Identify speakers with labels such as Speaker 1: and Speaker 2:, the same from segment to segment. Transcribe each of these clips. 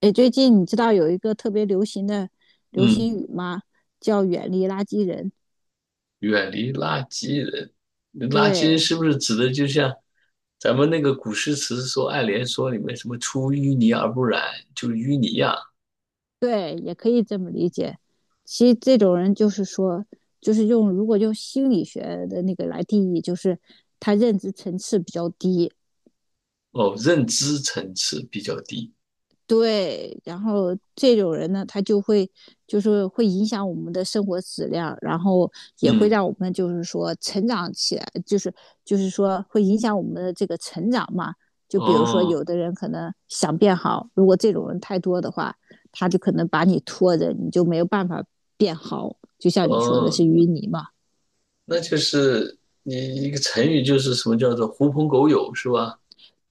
Speaker 1: 哎，最近你知道有一个特别流行的流行
Speaker 2: 嗯，
Speaker 1: 语吗？叫"远离垃圾人"。
Speaker 2: 远离垃圾人，垃圾人
Speaker 1: 对
Speaker 2: 是不是指的就像咱们那个古诗词说《爱莲说》里面什么“出淤泥而不染”，就是淤泥呀、
Speaker 1: 对，也可以这么理解。其实这种人就是说，就是用如果用心理学的那个来定义，就是他认知层次比较低。
Speaker 2: 哦，认知层次比较低。
Speaker 1: 对，然后这种人呢，他就会就是会影响我们的生活质量，然后也会
Speaker 2: 嗯，
Speaker 1: 让我们就是说成长起来，就是说会影响我们的这个成长嘛。就比如说，
Speaker 2: 哦
Speaker 1: 有的人可能想变好，如果这种人太多的话，他就可能把你拖着，你就没有办法变好。就像你说的
Speaker 2: 哦，
Speaker 1: 是淤泥嘛，
Speaker 2: 那就是你一个成语就是什么叫做“狐朋狗友”是吧？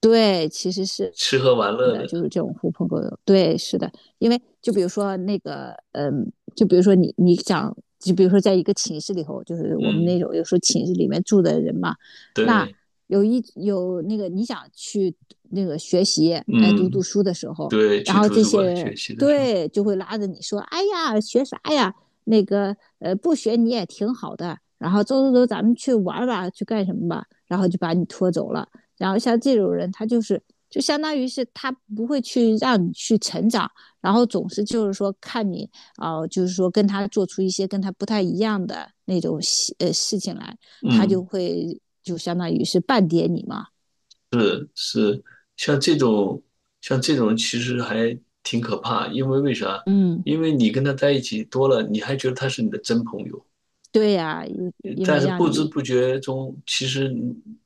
Speaker 1: 对，其实是
Speaker 2: 吃喝玩乐的。
Speaker 1: 狐朋狗友，对，是的，因为就比如说那个，就比如说你想，就比如说在一个寝室里头，就是我们那
Speaker 2: 嗯，
Speaker 1: 种有时候寝室里面住的人嘛。那
Speaker 2: 对，
Speaker 1: 有那个你想去那个学习，哎，读读
Speaker 2: 嗯
Speaker 1: 书的时候，
Speaker 2: 对，
Speaker 1: 然
Speaker 2: 去
Speaker 1: 后
Speaker 2: 图
Speaker 1: 这
Speaker 2: 书
Speaker 1: 些
Speaker 2: 馆
Speaker 1: 人
Speaker 2: 学习的时候，
Speaker 1: 对就会拉着你说，哎呀，学啥呀？那个不学你也挺好的。然后走走走，咱们去玩吧，去干什么吧？然后就把你拖走了。然后像这种人，他就是就相当于是他不会去让你去成长，然后总是就是说看你啊、就是说跟他做出一些跟他不太一样的那种事情来，他就
Speaker 2: 嗯。
Speaker 1: 会就相当于是半点你嘛。
Speaker 2: 是像这种，像这种其实还挺可怕，因为为啥？
Speaker 1: 嗯，
Speaker 2: 因为你跟他在一起多了，你还觉得他是你的真朋友，
Speaker 1: 对呀、因因
Speaker 2: 但
Speaker 1: 为
Speaker 2: 是
Speaker 1: 让
Speaker 2: 不知
Speaker 1: 你
Speaker 2: 不觉中，其实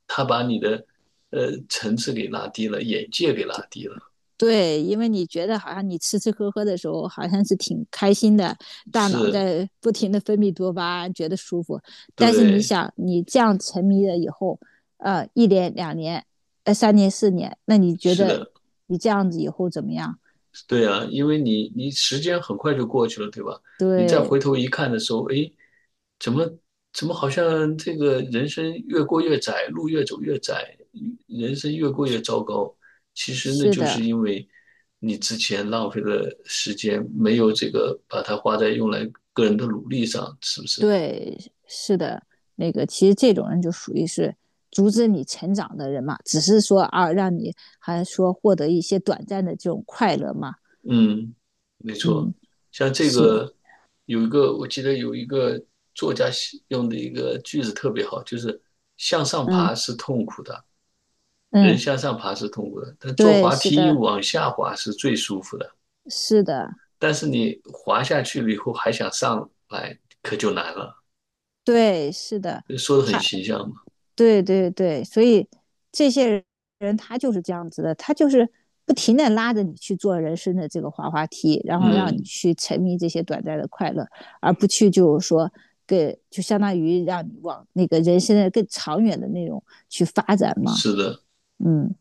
Speaker 2: 他把你的层次给拉低了，眼界给拉低了。
Speaker 1: 对。因为你觉得好像你吃吃喝喝的时候，好像是挺开心的，大脑
Speaker 2: 是，
Speaker 1: 在不停的分泌多巴胺，觉得舒服。但是你
Speaker 2: 对，
Speaker 1: 想，你这样沉迷了以后，1年、2年、3年、4年，那你觉
Speaker 2: 是
Speaker 1: 得
Speaker 2: 的。
Speaker 1: 你这样子以后怎么样？
Speaker 2: 对啊，因为你时间很快就过去了，对吧？你再
Speaker 1: 对，
Speaker 2: 回头一看的时候，诶，怎么怎么好像这个人生越过越窄，路越走越窄，人生越过越糟糕。其实那
Speaker 1: 是
Speaker 2: 就是
Speaker 1: 的，
Speaker 2: 因为你之前浪费了时间，没有这个把它花在用来个人的努力上，是不是？
Speaker 1: 对，是的，那个其实这种人就属于是阻止你成长的人嘛，只是说啊，让你还说获得一些短暂的这种快乐嘛。
Speaker 2: 嗯，没
Speaker 1: 嗯，
Speaker 2: 错，像这
Speaker 1: 是，
Speaker 2: 个有一个，我记得有一个作家写用的一个句子特别好，就是向上
Speaker 1: 嗯
Speaker 2: 爬是痛苦的，人
Speaker 1: 嗯。
Speaker 2: 向上爬是痛苦的，但坐
Speaker 1: 对，
Speaker 2: 滑
Speaker 1: 是
Speaker 2: 梯
Speaker 1: 的，
Speaker 2: 往下滑是最舒服的。
Speaker 1: 是的，
Speaker 2: 但是你滑下去了以后还想上来，可就难了。
Speaker 1: 对，是的，
Speaker 2: 说的很
Speaker 1: 他，
Speaker 2: 形象嘛。
Speaker 1: 对对对，所以这些人他就是这样子的，他就是不停的拉着你去做人生的这个滑滑梯，然后让你
Speaker 2: 嗯，
Speaker 1: 去沉迷这些短暂的快乐，而不去就是说就相当于让你往那个人生的更长远的那种去发展嘛。
Speaker 2: 是的，
Speaker 1: 嗯，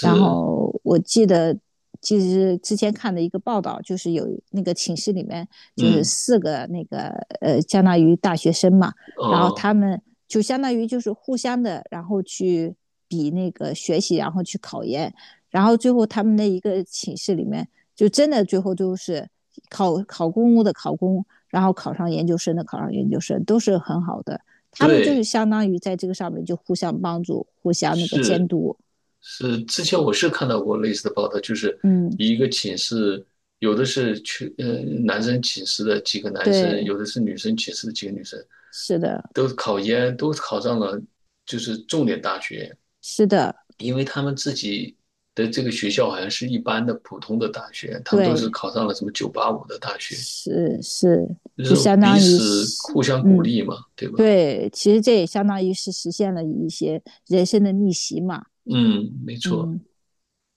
Speaker 1: 然后我记得，其实之前看的一个报道，就是有那个寝室里面就是
Speaker 2: 嗯，
Speaker 1: 四个那个相当于大学生嘛。然后
Speaker 2: 哦，
Speaker 1: 他们就相当于就是互相的，然后去比那个学习，然后去考研，然后最后他们的一个寝室里面，就真的最后都是考考公务的考公，然后考上研究生的考上研究生，都是很好的。他们就是
Speaker 2: 对。
Speaker 1: 相当于在这个上面就互相帮助，互相那个监
Speaker 2: 是
Speaker 1: 督。
Speaker 2: 是，之前我是看到过类似的报道，就是
Speaker 1: 嗯。
Speaker 2: 一个寝室，有的是去男生寝室的几个男生，
Speaker 1: 对，
Speaker 2: 有的是女生寝室的几个女生，
Speaker 1: 是的，
Speaker 2: 都考研都考上了，就是重点大学，
Speaker 1: 是的，
Speaker 2: 因为他们自己的这个学校好像是一般的普通的大学，他们都是
Speaker 1: 对，
Speaker 2: 考上了什么985的大学，
Speaker 1: 是是，
Speaker 2: 就
Speaker 1: 就
Speaker 2: 是
Speaker 1: 相
Speaker 2: 彼
Speaker 1: 当于
Speaker 2: 此
Speaker 1: 是，
Speaker 2: 互相鼓
Speaker 1: 嗯，
Speaker 2: 励嘛，对吧？
Speaker 1: 对，其实这也相当于是实现了一些人生的逆袭嘛。
Speaker 2: 嗯，没错，
Speaker 1: 嗯，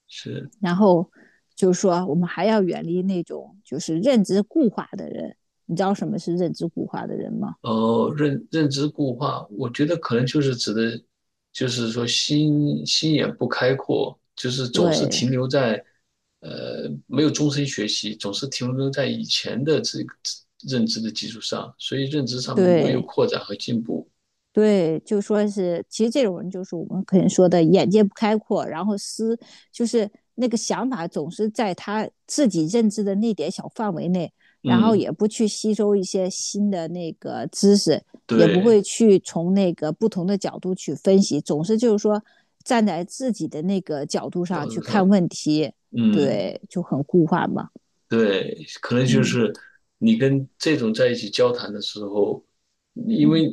Speaker 2: 是。
Speaker 1: 然后就是说，我们还要远离那种就是认知固化的人，你知道什么是认知固化的人吗？
Speaker 2: 认知固化我觉得可能就是指的，就是说心眼不开阔，就是总是
Speaker 1: 对
Speaker 2: 停留在，呃，没有终身学习，总是停留在以前的这个认知的基础上，所以认知上没有
Speaker 1: 对，
Speaker 2: 扩展和进步。
Speaker 1: 对，就说是，其实这种人就是我们可能说的眼界不开阔，然后就是那个想法总是在他自己认知的那点小范围内，然后
Speaker 2: 嗯，
Speaker 1: 也不去吸收一些新的那个知识，也不会
Speaker 2: 对，
Speaker 1: 去从那个不同的角度去分析，总是就是说站在自己的那个角度上
Speaker 2: 角
Speaker 1: 去
Speaker 2: 度
Speaker 1: 看
Speaker 2: 上，
Speaker 1: 问题，
Speaker 2: 嗯。
Speaker 1: 对，就很固化嘛。
Speaker 2: 对，可能就
Speaker 1: 嗯
Speaker 2: 是你跟这种在一起交谈的时候，因
Speaker 1: 嗯，
Speaker 2: 为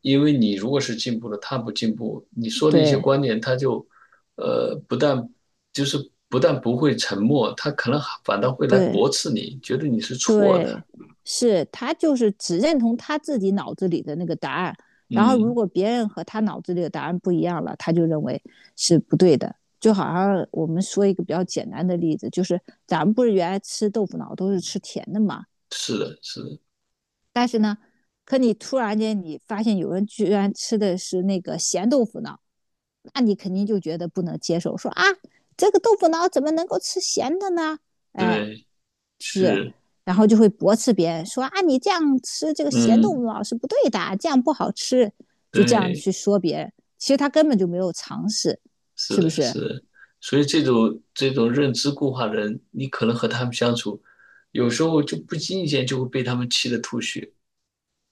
Speaker 2: 因为你如果是进步了，他不进步，你说的一些
Speaker 1: 对
Speaker 2: 观点，他就呃不但就是不但不会沉默，他可能还反倒会来
Speaker 1: 对。
Speaker 2: 驳斥你，觉得你是错的。
Speaker 1: 对，是他就是只认同他自己脑子里的那个答案，然后如
Speaker 2: 嗯，
Speaker 1: 果别人和他脑子里的答案不一样了，他就认为是不对的。就好像我们说一个比较简单的例子，就是咱们不是原来吃豆腐脑都是吃甜的嘛，
Speaker 2: 是的，是的，
Speaker 1: 但是呢，可你突然间你发现有人居然吃的是那个咸豆腐脑，那你肯定就觉得不能接受，说啊，这个豆腐脑怎么能够吃咸的呢？哎，
Speaker 2: 对，
Speaker 1: 是，
Speaker 2: 是，
Speaker 1: 然后就会驳斥别人说啊，你这样吃这个咸豆
Speaker 2: 嗯，
Speaker 1: 腐脑是不对的，这样不好吃，就这样
Speaker 2: 对。
Speaker 1: 去说别人。其实他根本就没有尝试，
Speaker 2: 是
Speaker 1: 是不
Speaker 2: 的，
Speaker 1: 是？
Speaker 2: 是的，所以这种认知固化的人，你可能和他们相处，有时候就不经意间就会被他们气得吐血，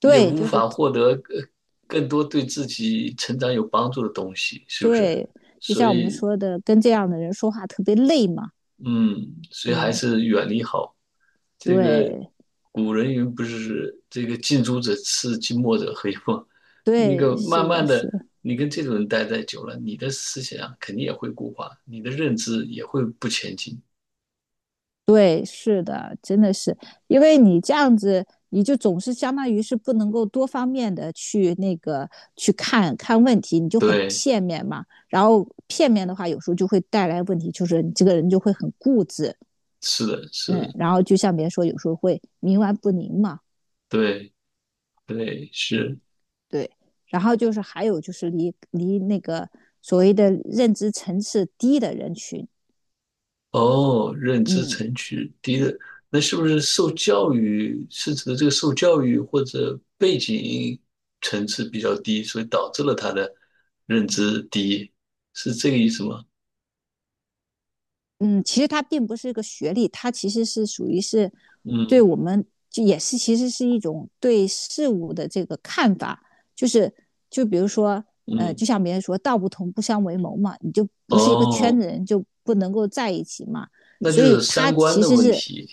Speaker 2: 也无
Speaker 1: 就是
Speaker 2: 法获得更多对自己成长有帮助的东西，是不是？
Speaker 1: 对，就
Speaker 2: 所
Speaker 1: 像我们
Speaker 2: 以
Speaker 1: 说的，跟这样的人说话特别累嘛。
Speaker 2: 嗯，所以还
Speaker 1: 嗯，
Speaker 2: 是远离好。这个
Speaker 1: 对
Speaker 2: 古人云不是这个近朱者赤，近墨者黑嘛？那
Speaker 1: 对，
Speaker 2: 个
Speaker 1: 是
Speaker 2: 慢
Speaker 1: 的，
Speaker 2: 慢的，
Speaker 1: 是。
Speaker 2: 你跟这种人待在久了，你的思想啊肯定也会固化，你的认知也会不前进。
Speaker 1: 对，是的，真的是，因为你这样子，你就总是相当于是不能够多方面的去那个去看看问题，你就很
Speaker 2: 对，
Speaker 1: 片面嘛。然后片面的话，有时候就会带来问题，就是你这个人就会很固执。
Speaker 2: 是的，是
Speaker 1: 嗯，
Speaker 2: 的，
Speaker 1: 然后就像别人说，有时候会冥顽不灵嘛。
Speaker 2: 对，对，是。
Speaker 1: 对。然后就是还有就是离那个所谓的认知层次低的人群。
Speaker 2: 哦，认知
Speaker 1: 嗯，
Speaker 2: 层级低的，那是不是受教育是指的这个受教育或者背景层次比较低，所以导致了他的认知低，是这个意思吗？
Speaker 1: 嗯，其实他并不是一个学历，他其实是属于是对
Speaker 2: 嗯
Speaker 1: 我们就也是其实是一种对事物的这个看法，就是就比如说
Speaker 2: 嗯，
Speaker 1: 就像别人说"道不同不相为谋"嘛，你就不是一个圈
Speaker 2: 哦，
Speaker 1: 子人就不能够在一起嘛，
Speaker 2: 那就
Speaker 1: 所以
Speaker 2: 是
Speaker 1: 他
Speaker 2: 三观
Speaker 1: 其
Speaker 2: 的
Speaker 1: 实
Speaker 2: 问
Speaker 1: 是
Speaker 2: 题。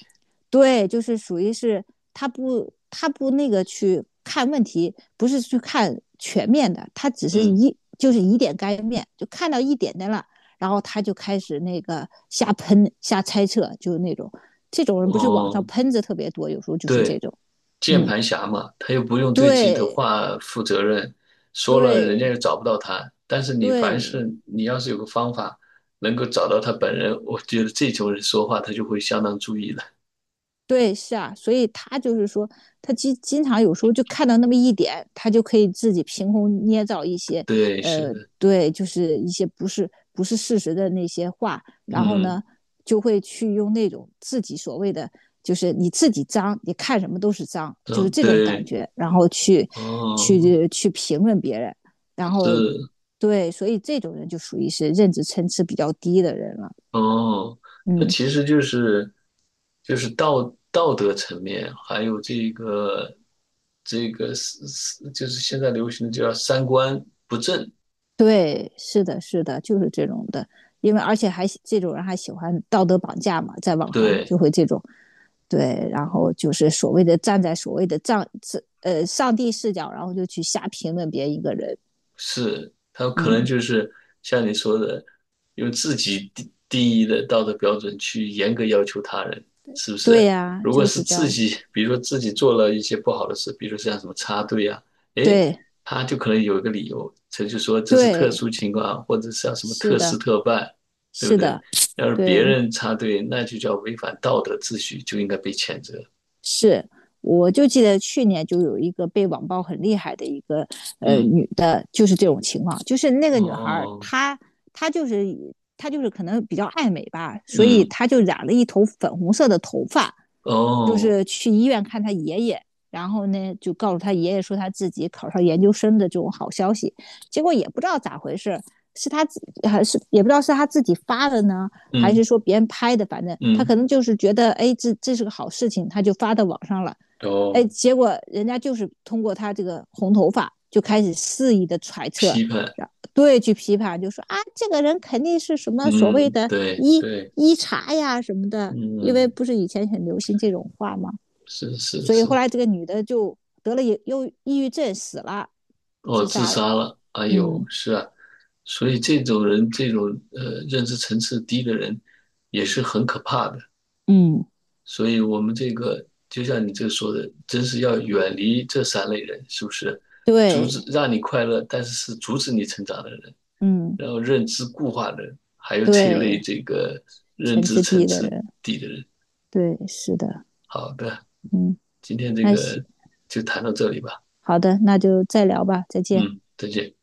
Speaker 1: 对，就是属于是他不那个去看问题，不是去看全面的，他只是
Speaker 2: 嗯
Speaker 1: 就是以点概面，就看到一点点了。然后他就开始那个瞎喷、瞎猜测，就是那种这种人不是网上
Speaker 2: 哦，
Speaker 1: 喷子特别多，有时候就是这
Speaker 2: 对。
Speaker 1: 种，
Speaker 2: 键
Speaker 1: 嗯，
Speaker 2: 盘侠嘛，他又不用对自己的
Speaker 1: 对
Speaker 2: 话负责任，说了人家
Speaker 1: 对
Speaker 2: 又找不到他。但是你凡
Speaker 1: 对
Speaker 2: 是你要是有个方法能够找到他本人，我觉得这种人说话他就会相当注意了。
Speaker 1: 对，是啊，所以他就是说，他经常有时候就看到那么一点，他就可以自己凭空捏造一些，
Speaker 2: 对，是
Speaker 1: 呃，
Speaker 2: 的，
Speaker 1: 对，就是一些不是事实的那些话，然后
Speaker 2: 嗯，
Speaker 1: 呢，就会去用那种自己所谓的，就是你自己脏，你看什么都是脏，就是
Speaker 2: 嗯，
Speaker 1: 这种感
Speaker 2: 对，
Speaker 1: 觉，然后去
Speaker 2: 哦，
Speaker 1: 评论别人，然后
Speaker 2: 是，
Speaker 1: 对，所以这种人就属于是认知层次比较低的人了。
Speaker 2: 哦，那
Speaker 1: 嗯。
Speaker 2: 其实就是就是道德层面，还有这个这个就是现在流行的叫三观不正，
Speaker 1: 对，是的，是的，就是这种的，因为而且还这种人还喜欢道德绑架嘛，在网上就
Speaker 2: 对。
Speaker 1: 会这种，对，然后就是所谓的站在所谓的上帝视角，然后就去瞎评论别一个人。
Speaker 2: 是，他可
Speaker 1: 嗯，
Speaker 2: 能就是像你说的，用自己定义的道德标准去严格要求他人，是不
Speaker 1: 对
Speaker 2: 是？
Speaker 1: 呀、啊
Speaker 2: 如果
Speaker 1: 就
Speaker 2: 是
Speaker 1: 是这
Speaker 2: 自
Speaker 1: 样，
Speaker 2: 己，比如说自己做了一些不好的事，比如说像什么插队啊，诶，
Speaker 1: 对
Speaker 2: 他就可能有一个理由，他就说这是特
Speaker 1: 对，
Speaker 2: 殊情况，或者像什么
Speaker 1: 是
Speaker 2: 特事
Speaker 1: 的，
Speaker 2: 特办，对不
Speaker 1: 是
Speaker 2: 对？
Speaker 1: 的，
Speaker 2: 要是别
Speaker 1: 对，
Speaker 2: 人插队，那就叫违反道德秩序，就应该被谴责。
Speaker 1: 是，我就记得去年就有一个被网暴很厉害的一个
Speaker 2: 嗯，
Speaker 1: 女的，就是这种情况，就是那个女孩儿，
Speaker 2: 哦，
Speaker 1: 她就是她就是可能比较爱美吧，所以
Speaker 2: 嗯，
Speaker 1: 她就染了一头粉红色的头发，就
Speaker 2: 哦，
Speaker 1: 是去医院看他爷爷，然后呢就告诉他爷爷说他自己考上研究生的这种好消息，结果也不知道咋回事，是他自还是也不知道是他自己发的呢，还是
Speaker 2: 嗯，
Speaker 1: 说别人拍的，反正他可
Speaker 2: 嗯，
Speaker 1: 能就是觉得哎这是个好事情，他就发到网上了。哎，
Speaker 2: 哦，
Speaker 1: 结果人家就是通过他这个红头发就开始肆意的揣测，
Speaker 2: 批判。
Speaker 1: 然对，去批判，就说啊，这个人肯定是什么所谓
Speaker 2: 嗯，
Speaker 1: 的
Speaker 2: 对
Speaker 1: 医
Speaker 2: 对，
Speaker 1: 医茶呀什么的，因为
Speaker 2: 嗯，
Speaker 1: 不是以前很流行这种话吗？
Speaker 2: 是是
Speaker 1: 所以后
Speaker 2: 是，
Speaker 1: 来这个女的就得了抑郁症死了，
Speaker 2: 哦，
Speaker 1: 自
Speaker 2: 自
Speaker 1: 杀了。
Speaker 2: 杀了，哎呦，
Speaker 1: 嗯
Speaker 2: 是啊，所以这种人，认知层次低的人，也是很可怕的。
Speaker 1: 嗯，
Speaker 2: 所以我们这个，就像你这说的，真是要远离这三类人，是不是？阻止
Speaker 1: 对，
Speaker 2: 让你快乐，但是是阻止你成长的人，
Speaker 1: 嗯
Speaker 2: 然后认知固化的人，还有这类
Speaker 1: 对，
Speaker 2: 这个认
Speaker 1: 全
Speaker 2: 知
Speaker 1: 知
Speaker 2: 层
Speaker 1: 地的
Speaker 2: 次
Speaker 1: 人，
Speaker 2: 低的人。
Speaker 1: 对，是的，
Speaker 2: 好的，
Speaker 1: 嗯，
Speaker 2: 今天这
Speaker 1: 那行，
Speaker 2: 个就谈到这里吧。
Speaker 1: 好的，那就再聊吧，再见。
Speaker 2: 嗯，再见。